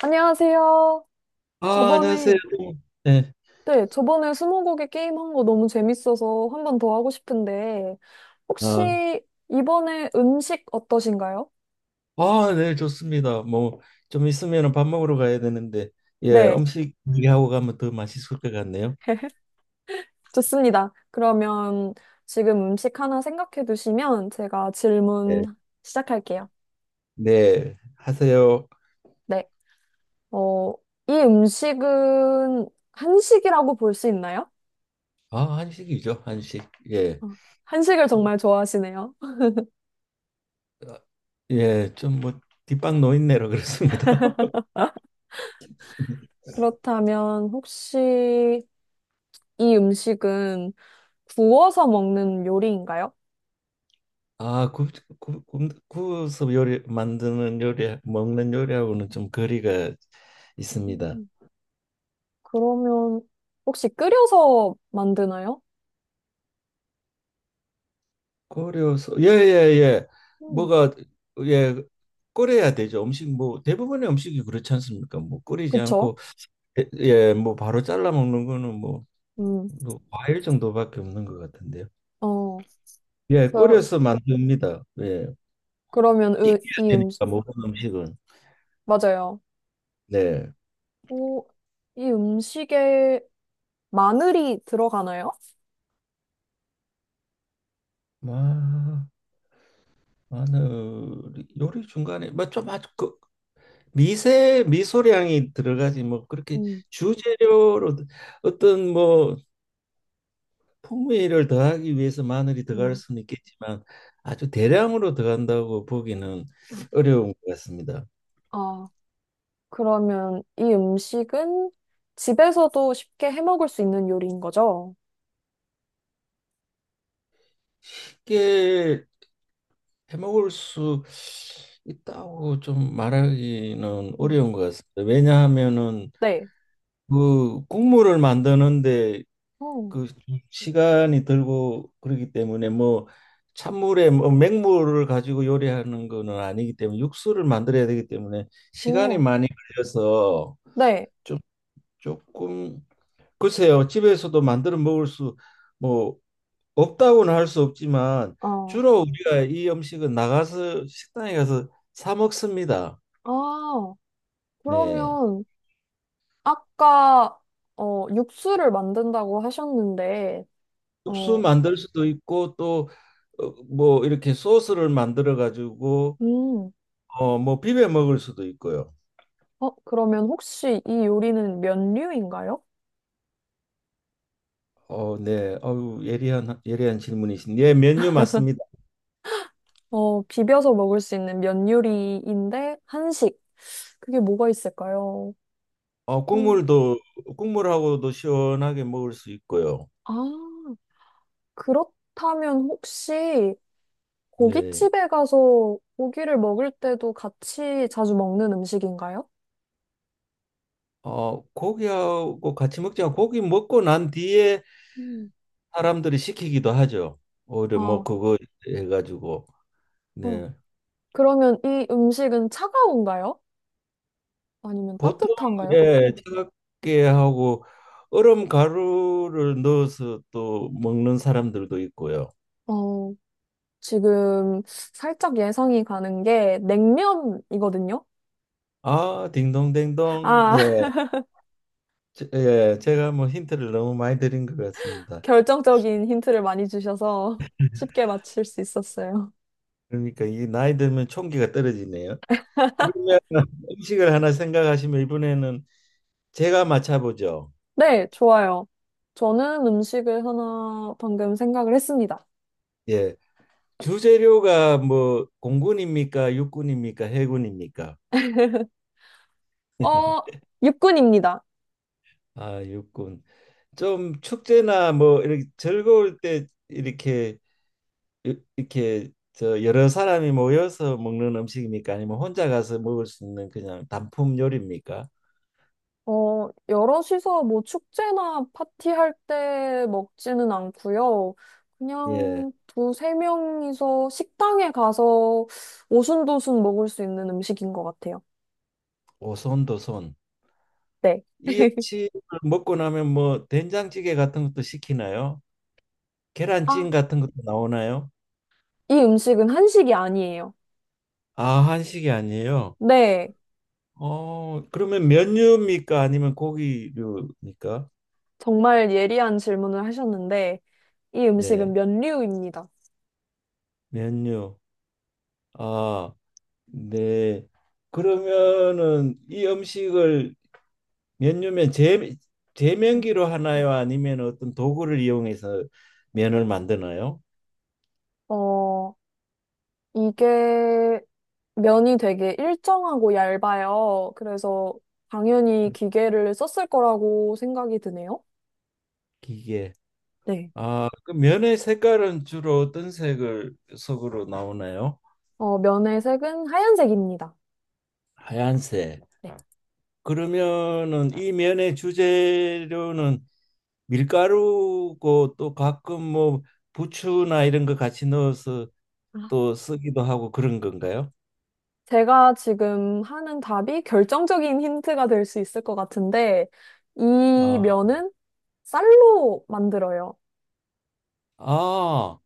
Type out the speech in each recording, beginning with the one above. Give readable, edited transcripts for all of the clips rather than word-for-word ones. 안녕하세요. 아, 안녕하세요. 저번에, 네. 네, 저번에 스무고개 게임 한 거 너무 재밌어서 한 번 더 하고 싶은데, 아, 혹시 이번에 음식 어떠신가요? 아, 네, 좋습니다. 뭐, 좀 있으면 밥 먹으러 가야 되는데, 예, 네, 음식 얘기하고 가면 더 맛있을 것 같네요. 좋습니다. 그러면 지금 음식 하나 생각해 두시면 제가 질문 예. 시작할게요. 네, 하세요. 네, 어, 이 음식은 한식이라고 볼 수 있나요? 아, 한식이죠, 한식. 예, 어, 한식을 정말 좋아하시네요. 예, 좀 뭐, 뒷방 노인네로 그렇습니다. 그렇다면 혹시 이 음식은 구워서 먹는 요리인가요? 아, 구워서 요리, 만드는 요리, 먹는 요리하고는 좀 거리가 있습니다. 음, 그러면 혹시 끓여서 만드나요? 고려서. 예예예. 음, 뭐가. 예, 끓여야 되죠. 음식, 뭐 대부분의 음식이 그렇지 않습니까? 뭐 끓이지 그쵸? 않고. 예 예, 뭐 바로 잘라 먹는 거는 뭐, 음, 뭐 과일 정도밖에 없는 것 같은데요. 어, 예, 그러, 끓여서 만듭니다. 예, 그러면 익혀야 이 음식, 되니까 모든 음식은. 맞아요. 네. 오, 이 음식에 마늘이 들어가나요? 마, 마늘 요리 중간에 뭐좀 아주 그 미세 미소량이 들어가지, 뭐 그렇게 음, 주재료로 어떤 뭐 풍미를 더하기 위해서 마늘이 들어갈 음. 수는 있겠지만 아주 대량으로 들어간다고 보기는 아, 어려운 것 같습니다. 아, 그러면 이 음식은 집에서도 쉽게 해 먹을 수 있는 요리인 거죠? 쉽게 해먹을 수 있다고 좀 말하기는 음, 어려운 것 같습니다. 왜냐하면은 네. 그 국물을 만드는데 어, 그 시간이 들고 그러기 때문에, 뭐 찬물에 뭐 맹물을 가지고 요리하는 거는 아니기 때문에 육수를 만들어야 되기 때문에 시간이 어, 많이 걸려서 네. 좀 조금 글쎄요, 집에서도 만들어 먹을 수, 뭐, 없다고는 할 수 없지만, 아, 주로 우리가 이 음식은 나가서 식당에 가서 사 먹습니다. 아, 네. 그러면 아까 육수를 만든다고 하셨는데, 육수 어, 만들 수도 있고, 또, 어, 뭐, 이렇게 소스를 만들어 가지고, 음, 어, 뭐, 비벼 먹을 수도 있고요. 어, 그러면 혹시 이 요리는 면류인가요? 어, 네. 어우, 예리한 질문이신. 예, 메뉴 맞습니다. 어, 비벼서 먹을 수 있는 면 요리인데 한식. 그게 뭐가 있을까요? 어, 어, 국물하고도 시원하게 먹을 수 있고요. 아, 그렇다면 혹시 네. 고깃집에 가서 고기를 먹을 때도 같이 자주 먹는 음식인가요? 어, 고기하고 같이 먹지만 고기 먹고 난 뒤에 음, 사람들이 시키기도 하죠. 오히려 뭐 아, 그거 해가지고. 어. 네. 그러면 이 음식은 차가운가요? 아니면 보통 따뜻한가요? 예 차갑게 하고 얼음 가루를 넣어서 또 먹는 사람들도 있고요. 어. 지금 살짝 예상이 가는 게 냉면이거든요. 아, 딩동댕동. 아, 예, 예, 제가 뭐 힌트를 너무 많이 드린 것 같습니다. 결정적인 힌트를 많이 주셔서 쉽게 맞힐 수 있었어요. 그러니까 이 나이 들면 총기가 떨어지네요. 그러면 음식을 하나 생각하시면 이번에는 제가 맞춰보죠. 네, 좋아요. 저는 음식을 하나 방금 생각을 했습니다. 예. 주재료가 뭐 공군입니까? 육군입니까? 해군입니까? 어, 육군입니다. 아, 육군. 좀 축제나 뭐 이렇게 즐거울 때 이렇게 저 여러 사람이 모여서 먹는 음식입니까? 아니면 혼자 가서 먹을 수 있는 그냥 단품 요리입니까? 어, 여럿이서 뭐 축제나 파티할 때 먹지는 않고요. 예. 그냥 두세 명이서 식당에 가서 오순도순 먹을 수 있는 음식인 것 같아요. 오손도손. 네. 이 역시 먹고 나면 뭐 된장찌개 같은 것도 시키나요? 계란찜 아, 같은 것도 나오나요? 이 음식은 한식이 아니에요. 아, 한식이 아니에요. 네, 어, 그러면 면류입니까? 아니면 고기류입니까? 정말 예리한 질문을 하셨는데, 이 음식은 네, 면류입니다. 면류. 아, 네. 그러면은 이 음식을 면류면 제면기로 하나요? 아니면 어떤 도구를 이용해서 면을 만드나요? 어, 이게 면이 되게 일정하고 얇아요. 그래서 당연히 기계를 썼을 거라고 생각이 드네요. 기계. 네. 아, 그 면의 색깔은 주로 어떤 색을 속으로 나오나요? 어, 면의 색은 하얀색입니다. 하얀색. 네. 그러면은 이 면의 주재료는 밀가루고 또 가끔 뭐 부추나 이런 거 같이 넣어서 아, 또 쓰기도 하고 그런 건가요? 제가 지금 하는 답이 결정적인 힌트가 될 수 있을 것 같은데, 이 아, 면은 쌀로 만들어요. 아,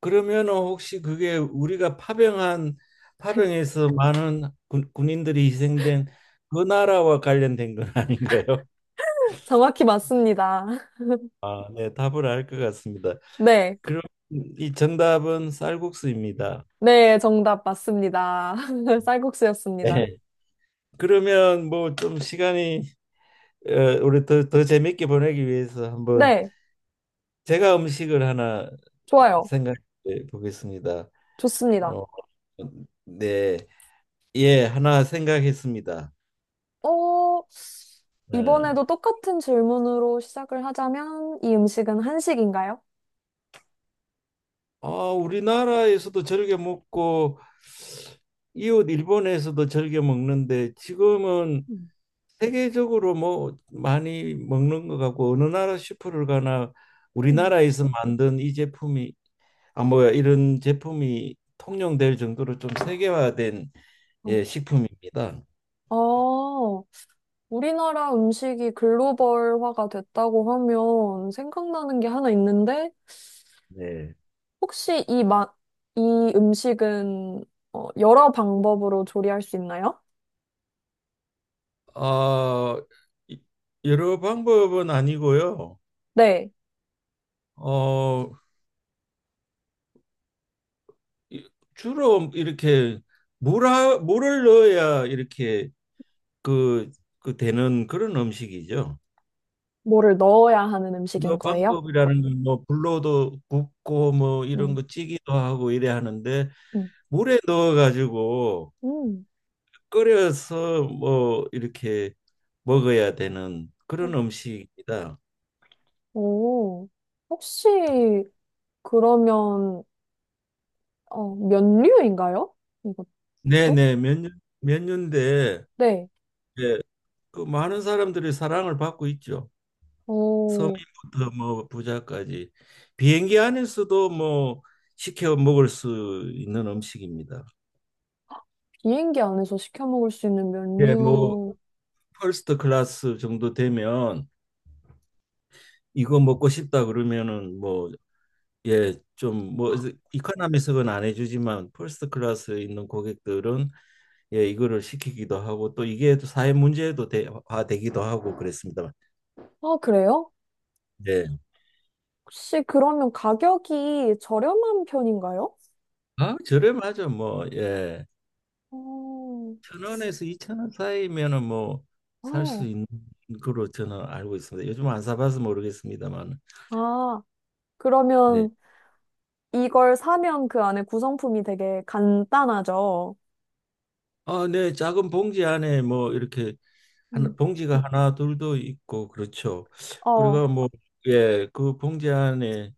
그러면은 혹시 그게 우리가 파병한 파병에서 많은 군인들이 희생된 그 나라와 관련된 건 아닌가요? 정확히 맞습니다. 아, 네, 답을 알 것 같습니다. 네. 그럼 이 정답은 쌀국수입니다. 네, 정답 맞습니다. 쌀국수였습니다. 네. 그러면 뭐 좀 시간이 어, 우리 더 재밌게 보내기 위해서 한번 네, 제가 음식을 하나 좋아요. 생각해 보겠습니다. 좋습니다. 어, 네. 예, 하나 생각했습니다. 어, 예. 이번에도 똑같은 질문으로 시작을 하자면, 이 음식은 한식인가요? 아, 우리나라에서도 즐겨 먹고 이웃 일본에서도 즐겨 먹는데 지금은 음. 세계적으로 뭐 많이 먹는 것 같고 어느 나라 슈퍼를 가나 음. 우리나라에서 만든 이 제품이 아뭐 이런 제품이 통용될 정도로 좀 세계화된 어, 예, 식품입니다. 아, 우리나라 음식이 글로벌화가 됐다고 하면 생각나는 게 하나 있는데, 네. 혹시 이 음식은 어, 여러 방법으로 조리할 수 있나요? 아, 이- 여러 방법은 아니고요. 네. 어, 이- 주로 이렇게 물을 넣어야 이렇게 그, 그 되는 그런 음식이죠. 뭐를 넣어야 하는 이 음식인 거예요? 방법이라는 건 뭐 불로도 굽고 뭐 이런 음, 거 찌기도 하고 이래 하는데 음, 물에 넣어 가지고 음. 끓여서 뭐 이렇게 먹어야 되는 그런 음식이다. 오, 혹시 그러면 어, 면류인가요? 이것도? 네네 몇 년대. 네. 예, 그 많은 사람들이 사랑을 받고 있죠. 오, 서민부터 뭐 부자까지 비행기 안에서도 뭐 시켜 먹을 수 있는 음식입니다. 비행기 안에서 시켜 먹을 수 있는 예, 뭐 면류. 퍼스트 클래스 정도 되면 이거 먹고 싶다 그러면은 뭐 예, 좀 뭐 이코노미석은 안 해주지만 퍼스트 클래스에 있는 고객들은 예, 이거를 시키기도 하고 또 이게 또 사회 문제도 화 되기도 하고 그랬습니다만. 아, 그래요? 예. 혹시 그러면 가격이 저렴한 편인가요? 아, 저렴하죠. 뭐 예. 오, 천 원에서 2,000원 사이면은 뭐 살 수 어. 있는 거로 저는 알고 있습니다. 요즘 안 사봐서 모르겠습니다만. 아, 네. 그러면 이걸 사면 그 안에 구성품이 되게 간단하죠? 아, 네. 작은 봉지 안에 뭐 이렇게 하나, 음. 봉지가 하나 둘도 있고 그렇죠. 어, 그리고 뭐 예, 그 봉지 안에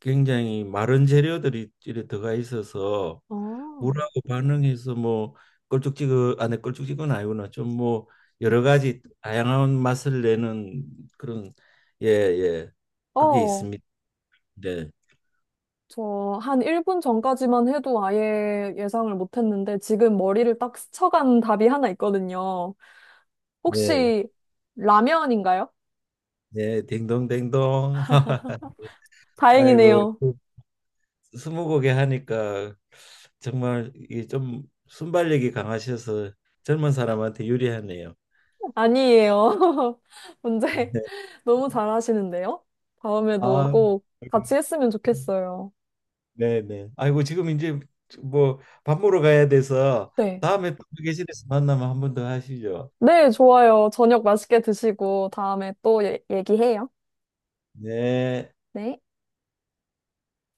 굉장히 마른 재료들이 이렇게 들어가 있어서 어. 물하고 반응해서 뭐 껄쭉지근 안에 껄쭉지근 아니구나 좀 뭐 음. 여러 가지 다양한 맛을 내는 그런 예 예 그게 어, 있습니다. 네. 저 한 1분 전까지만 해도 아예 예상을 못했는데 지금 머리를 딱 스쳐간 답이 하나 있거든요. 네. 혹시 라면인가요? 네, 딩동댕동. 아이고, 다행이네요. 그 스무고개 하니까 정말 이게 좀 순발력이 강하셔서 젊은 사람한테 유리하네요. 아니에요. 문제 네. 너무 잘하시는데요? 다음에도 아, 꼭 같이 했으면 좋겠어요. 네네. 아이고 지금 이제 뭐 밥 먹으러 가야 돼서 네. 다음에 또 계실에서 만나면 한 번 더 하시죠. 네, 좋아요. 저녁 맛있게 드시고 다음에 또 예- 얘기해요. 네. 네.